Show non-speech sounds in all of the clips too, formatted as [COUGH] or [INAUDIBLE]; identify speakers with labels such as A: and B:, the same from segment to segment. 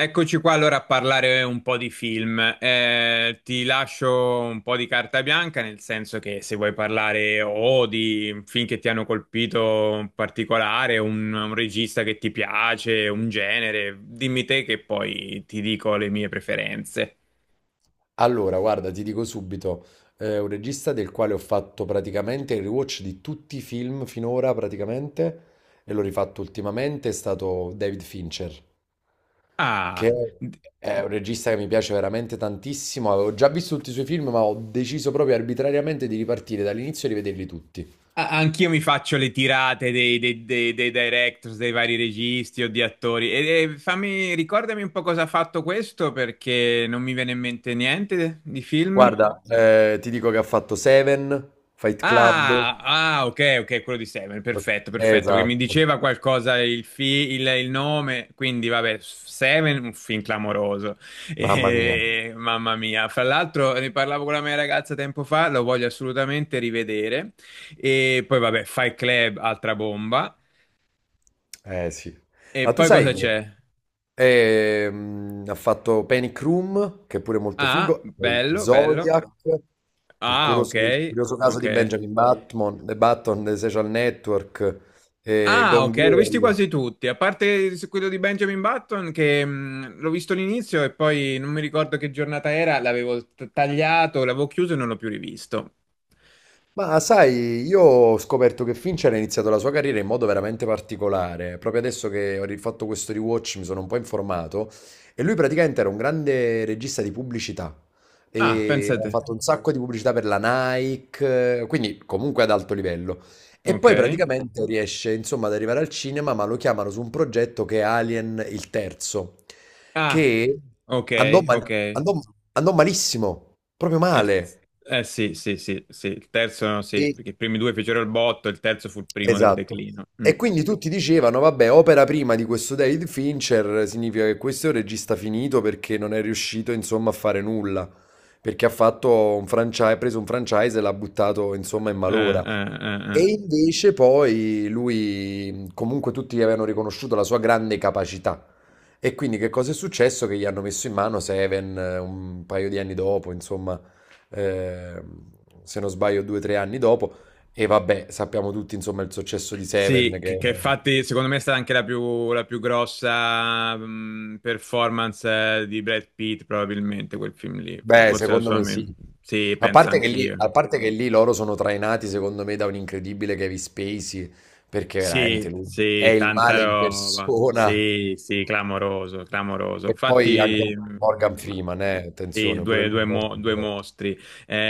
A: Eccoci qua allora a parlare un po' di film. Ti lascio un po' di carta bianca, nel senso che se vuoi parlare o di film che ti hanno colpito in particolare, un regista che ti piace, un genere, dimmi te che poi ti dico le mie preferenze.
B: Allora, guarda, ti dico subito, è un regista del quale ho fatto praticamente il rewatch di tutti i film finora, praticamente, e l'ho rifatto ultimamente, è stato David Fincher,
A: Ah,
B: che è un regista che mi piace veramente tantissimo. Avevo già visto tutti i suoi film, ma ho deciso proprio arbitrariamente di ripartire dall'inizio e rivederli tutti.
A: Anch'io mi faccio le tirate dei directors, dei vari registi o di attori. E fammi, ricordami un po' cosa ha fatto questo perché non mi viene in mente niente di film.
B: Guarda, ti dico che ha fatto Seven, Fight Club.
A: Ah, ah, ok, ok, quello di Seven, perfetto, perfetto, perché mi
B: Esatto,
A: diceva qualcosa il nome, quindi vabbè, Seven, un film clamoroso. [LAUGHS]
B: mamma mia.
A: Mamma mia, fra l'altro ne parlavo con la mia ragazza tempo fa, lo voglio assolutamente rivedere, e poi vabbè, Fight Club, altra bomba.
B: Eh sì.
A: E
B: Ma tu
A: poi
B: sai.
A: cosa
B: Mm. che
A: c'è?
B: Ha fatto Panic Room, che è pure molto
A: Ah,
B: figo, poi
A: bello, bello.
B: Zodiac,
A: Ah, ok,
B: il curioso caso
A: ok.
B: di Benjamin Button, The Button, The Social Network,
A: Ah,
B: Gone
A: ok, l'ho visti
B: Girl.
A: quasi tutti, a parte quello di Benjamin Button che l'ho visto all'inizio e poi non mi ricordo che giornata era, l'avevo tagliato, l'avevo chiuso e non l'ho più rivisto.
B: Ma sai, io ho scoperto che Fincher ha iniziato la sua carriera in modo veramente particolare. Proprio adesso che ho rifatto questo rewatch mi sono un po' informato e lui praticamente era un grande regista di pubblicità
A: Ah,
B: e ha
A: pensate.
B: fatto un sacco di pubblicità per la Nike, quindi comunque ad alto livello. E poi
A: Ok.
B: praticamente riesce, insomma, ad arrivare al cinema, ma lo chiamano su un progetto che è Alien il terzo,
A: Ah,
B: che
A: ok, ok.
B: andò malissimo, proprio male.
A: Sì, sì, sì, sì, il terzo no, sì,
B: E
A: perché i primi due fecero il botto, il terzo fu il primo del
B: esatto.
A: declino. Mm.
B: E quindi tutti dicevano, vabbè, opera prima di questo David Fincher significa che questo è un regista finito perché non è riuscito, insomma, a fare nulla, perché ha fatto un franchise, ha preso un franchise e l'ha buttato, insomma, in malora. E
A: Eh.
B: invece poi lui, comunque tutti gli avevano riconosciuto la sua grande capacità. E quindi che cosa è successo? Che gli hanno messo in mano Seven, un paio di anni dopo, insomma, eh, se non sbaglio due o tre anni dopo. E vabbè, sappiamo tutti insomma il successo di Seven
A: Sì,
B: che...
A: che infatti secondo me è stata anche la più grossa performance di Brad Pitt, probabilmente quel film lì.
B: Beh,
A: Forse la
B: secondo
A: sua.
B: me sì.
A: Sì,
B: A
A: penso
B: parte che lì,
A: anch'io.
B: a parte che lì loro sono trainati secondo me da un incredibile Kevin Spacey, perché
A: Sì,
B: veramente lui è
A: sì,
B: il
A: tanta
B: male in
A: roba.
B: persona.
A: Sì, sì, clamoroso, clamoroso.
B: E poi anche
A: Infatti,
B: Morgan
A: ma-
B: Freeman,
A: sì,
B: attenzione, pure lui
A: due
B: molto
A: due
B: forte.
A: mostri.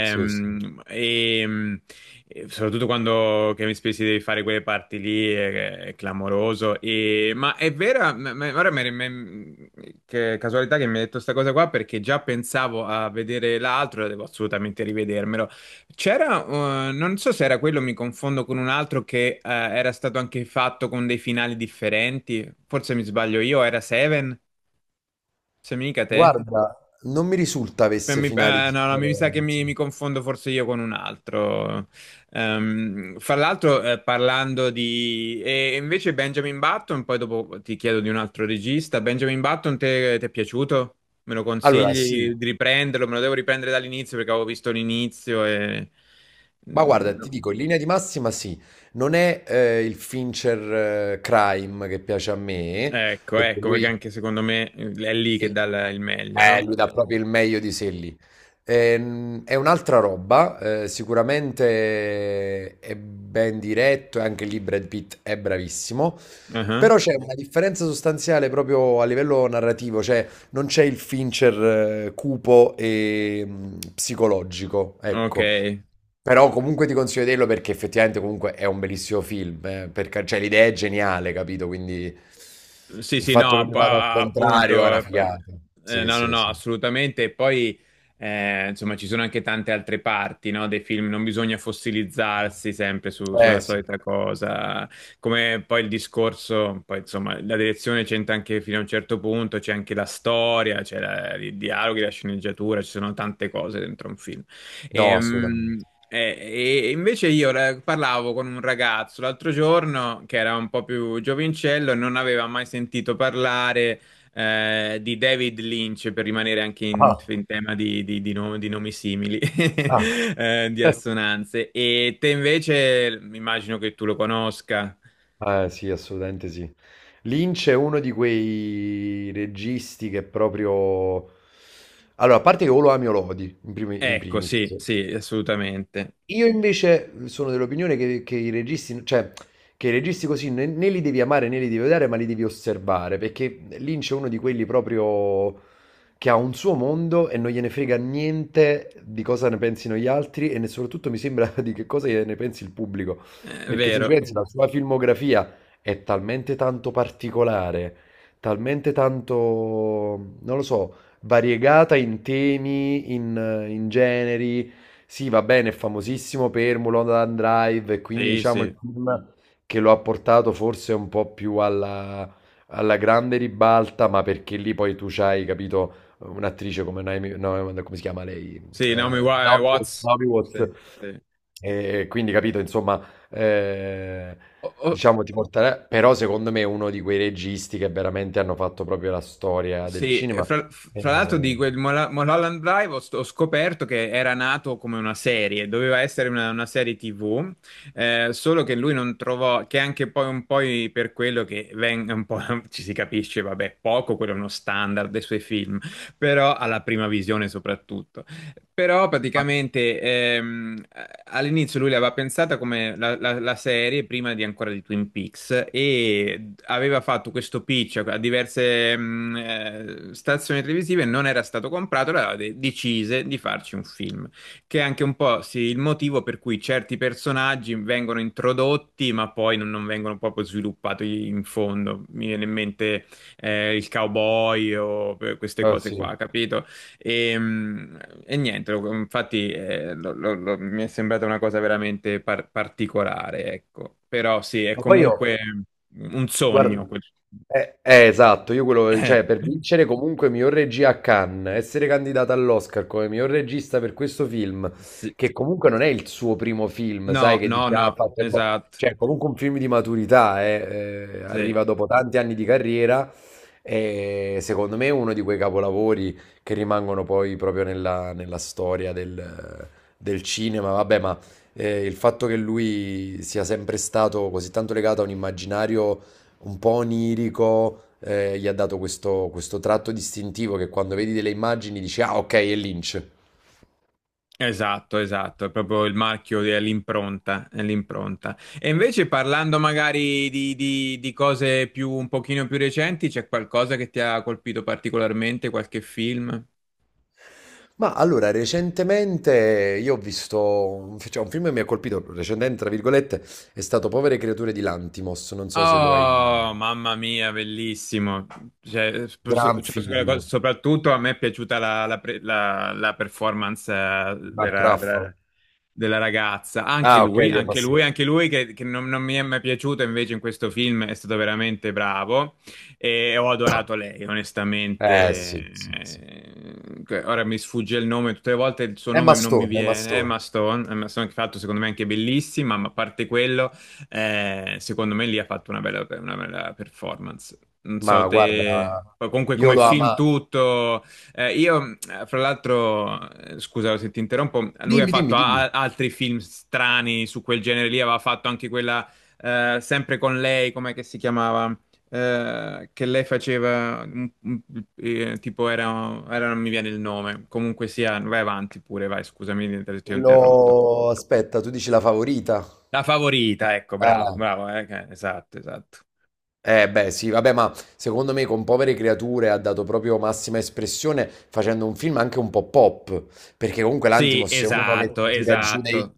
B: Sì, sì.
A: e, mh, e soprattutto quando Kevin Spacey devi fare quelle parti lì, è clamoroso. E- ma è vera, m- m- ora mi- mi- Che casualità che mi hai detto questa cosa qua, perché già pensavo a vedere l'altro, e devo assolutamente rivedermelo. C'era, non so se era quello, mi confondo con un altro che era stato anche fatto con dei finali differenti. Forse mi sbaglio io, era Seven, se mica te.
B: Guarda, non mi risulta avesse finali
A: No, no, mi sa che
B: differenti.
A: mi confondo forse io con un altro. Fra l'altro, parlando di... E invece Benjamin Button, poi dopo ti chiedo di un altro regista. Benjamin Button, ti è piaciuto? Me lo
B: Allora, sì.
A: consigli di riprenderlo? Me lo devo riprendere dall'inizio perché avevo visto l'inizio e...
B: Ma
A: Mm,
B: guarda, ti
A: no.
B: dico, in linea di massima sì, non è il Fincher, Crime che piace a me,
A: Ecco,
B: perché
A: ecco, perché anche secondo me è lì che
B: il-
A: dà il meglio, no?
B: lui dà proprio il meglio di sé lì. È un'altra roba, sicuramente è ben diretto e anche lì Brad Pitt è bravissimo,
A: Ah,
B: però c'è una differenza sostanziale proprio a livello narrativo, cioè non c'è il Fincher, cupo e psicologico,
A: ok.
B: ecco. Però comunque ti consiglio di vederlo perché effettivamente comunque è un bellissimo film, per cioè l'idea è geniale, capito? Quindi
A: Sì,
B: il
A: sì,
B: fatto
A: no,
B: che mi vada al contrario è
A: appunto.
B: una figata. Sì,
A: No, no,
B: sì,
A: no,
B: sì.
A: assolutamente. E poi, insomma, ci sono anche tante altre parti, no, dei film. Non bisogna fossilizzarsi sempre
B: Eh
A: sulla
B: sì,
A: solita cosa. Come poi il discorso, poi insomma, la direzione c'entra anche fino a un certo punto, c'è anche la storia, c'è i dialoghi, la sceneggiatura, ci sono tante cose dentro un film.
B: no,
A: Ehm,
B: assolutamente.
A: Eh, e invece io parlavo con un ragazzo l'altro giorno che era un po' più giovincello e non aveva mai sentito parlare di David Lynch, per rimanere anche
B: Ah,
A: in tema di no- di nomi simili,
B: ah.
A: [LAUGHS] di
B: [LAUGHS]
A: assonanze. E te invece, immagino che tu lo conosca.
B: Eh sì, assolutamente sì. Lynch è uno di quei registi che proprio... Allora, a parte che o lo ami o lo odi, in
A: Ecco,
B: primis.
A: sì, sì, assolutamente.
B: Io invece sono dell'opinione che i registi, cioè, che i registi così né, né li devi amare né li devi odiare, ma li devi osservare, perché Lynch è uno di quelli proprio che ha un suo mondo e non gliene frega niente di cosa ne pensino gli altri e soprattutto mi sembra [LAUGHS] di che cosa ne pensi il pubblico,
A: È
B: perché se ci
A: vero.
B: pensi la sua filmografia è talmente tanto particolare, talmente tanto, non lo so, variegata in temi, in generi. Sì, va bene, è famosissimo per Mulholland Drive, e quindi
A: Sì,
B: diciamo il
A: sì.
B: film che lo ha portato forse un po' più alla, alla grande ribalta, ma perché lì poi tu c'hai, capito, un'attrice come Naomi, no, come si chiama lei?
A: Sì, Naomi
B: Naomi Watts.
A: Watts.
B: Naomi
A: Sì,
B: Watts.
A: sì.
B: E quindi, capito, insomma, eh,
A: Ho, ho
B: diciamo ti porterà, però secondo me è uno di quei registi che veramente hanno fatto proprio la storia del
A: Sì, e
B: cinema.
A: fra l'altro di
B: Eh,
A: quel Mulholland Drive ho scoperto che era nato come una serie, doveva essere una serie TV, solo che lui non trovò, che anche poi un po' per quello che un po' [LAUGHS] ci si capisce, vabbè, poco, quello è uno standard dei suoi film, però alla prima visione soprattutto. Però praticamente all'inizio lui l'aveva pensata come la serie prima di ancora di Twin Peaks e aveva fatto questo pitch a diverse stazioni televisive, non era stato comprato, allora decise di farci un film, che è anche un po' sì, il motivo per cui certi personaggi vengono introdotti ma poi non, non vengono proprio sviluppati in fondo. Mi viene in mente il cowboy o queste cose
B: sì.
A: qua, capito? E, mm, e niente, infatti mi è sembrata una cosa veramente particolare, ecco. Però sì, è
B: Ma poi
A: comunque
B: io...
A: un sogno.
B: Guarda, esatto, io quello, cioè per
A: [LAUGHS]
B: vincere comunque miglior regia a Cannes, essere candidata all'Oscar come miglior regista per questo film,
A: Sì.
B: che comunque non è il suo primo film, sai,
A: No,
B: che
A: no,
B: dice,
A: no,
B: ah, ha fatto il bo-".
A: esatto,
B: Cioè, comunque un film di maturità,
A: sì,
B: arriva dopo tanti anni di carriera e secondo me è uno di quei capolavori che rimangono poi proprio nella, nella storia del, del cinema, vabbè, ma il fatto che lui sia sempre stato così tanto legato a un immaginario un po' onirico, gli ha dato questo, questo tratto distintivo che quando vedi delle immagini dici, ah, ok, è Lynch.
A: esatto, esatto, è proprio il marchio dell'impronta, è l'impronta. E invece parlando magari di cose più, un pochino più recenti, c'è qualcosa che ti ha colpito particolarmente, qualche film?
B: Ma allora, recentemente io ho visto un, cioè, un film che mi ha colpito, recentemente, tra virgolette, è stato Povere creature di Lantimos, non so se lo hai...
A: Oh, mamma mia, bellissimo.
B: Gran film
A: Soprattutto a me è piaciuta la performance
B: di Mark
A: della-
B: Ruffalo.
A: della ragazza. Anche
B: Ah, ok,
A: lui,
B: di
A: anche
B: Mastone.
A: lui, anche lui che non, non mi è mai piaciuto invece in questo film è stato veramente bravo e ho adorato lei,
B: Sì,
A: onestamente.
B: sì, sì.
A: Ora mi sfugge il nome, tutte le volte il suo
B: È
A: nome non mi
B: Mastone, è
A: viene.
B: Mastone.
A: Emma Stone, Emma Stone che ha fatto secondo me anche bellissima, ma a parte quello... Secondo me lì ha fatto una bella performance. Non
B: Ma
A: so
B: guarda,
A: te, comunque
B: io
A: come
B: lo
A: film
B: amo.
A: tutto. Fra l'altro, scusa se ti interrompo, lui ha
B: Dimmi, dimmi,
A: fatto
B: dimmi.
A: altri film strani su quel genere lì, aveva fatto anche quella, sempre con lei, com'è che si chiamava? Che lei faceva tipo non mi viene il nome, comunque sia vai avanti pure, vai, scusami se ti ho interrotto.
B: Quello... Aspetta, tu dici la favorita?
A: La favorita, ecco, bravo,
B: Ah.
A: bravo, esatto, esatto.
B: Eh beh sì, vabbè, ma secondo me con Povere Creature ha dato proprio massima espressione facendo un film anche un po' pop, perché comunque
A: Sì,
B: l'Antimos è uno che
A: esatto,
B: ti tira giù dei,
A: esatto.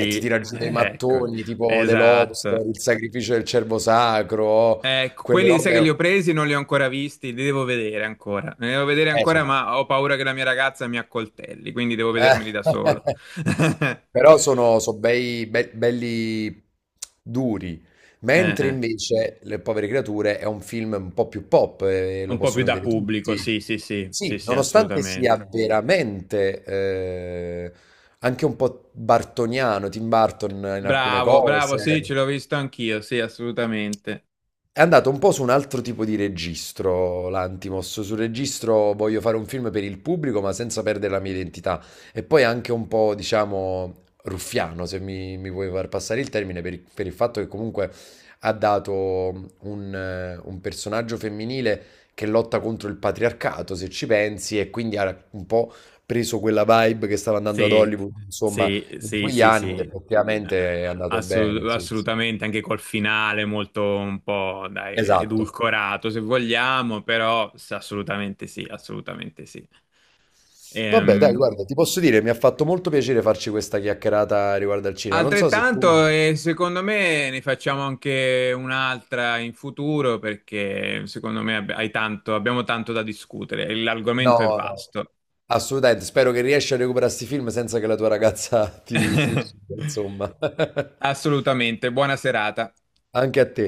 B: ti tira giù dei
A: ecco,
B: mattoni, tipo The Lobster,
A: esatto.
B: Il sacrificio del cervo sacro,
A: Ecco,
B: quelle
A: quelli sai che
B: robe...
A: li ho presi, non li ho ancora visti, li devo vedere ancora. Li devo vedere
B: Eh,
A: ancora,
B: so-
A: ma ho paura che la mia ragazza mi accoltelli, quindi devo
B: Eh.
A: vedermeli da solo.
B: [LAUGHS]
A: [LAUGHS]
B: Però sono, belli duri, mentre
A: Eh.
B: invece Le povere creature è un film un po' più pop, e lo
A: Un po' più
B: possono
A: da
B: vedere
A: pubblico,
B: tutti.
A: sì, sì, sì, sì,
B: Sì,
A: sì,
B: nonostante sia
A: assolutamente.
B: veramente anche un po' bartoniano, Tim Burton in alcune
A: Bravo, bravo, sì,
B: cose.
A: ce l'ho visto anch'io, sì, assolutamente.
B: È andato un po' su un altro tipo di registro, l'Antimos, sul registro voglio fare un film per il pubblico ma senza perdere la mia identità e poi anche un po', diciamo, ruffiano, se mi vuoi far passare il termine, per il fatto che comunque ha dato un personaggio femminile che lotta contro il patriarcato, se ci pensi, e quindi ha un po' preso quella vibe che stava andando ad
A: Sì,
B: Hollywood, insomma,
A: sì,
B: in
A: sì,
B: quegli
A: sì,
B: anni ed
A: sì,
B: effettivamente è andato bene, sì, sì.
A: Assolutamente, anche col finale molto un po', dai,
B: Esatto.
A: edulcorato se vogliamo, però assolutamente sì, assolutamente sì.
B: Vabbè, dai,
A: Ehm,
B: guarda, ti posso dire, mi ha fatto molto piacere farci questa chiacchierata riguardo al cinema. Non so se tu...
A: Altrettanto, e secondo me, ne facciamo anche un'altra in futuro perché secondo me abbiamo tanto da discutere, l'argomento è
B: No, no,
A: vasto.
B: assolutamente. Spero che riesci a recuperare questi film senza che la tua ragazza ti uccida,
A: [LAUGHS]
B: insomma. [LAUGHS]
A: Assolutamente, buona serata.
B: Anche a te.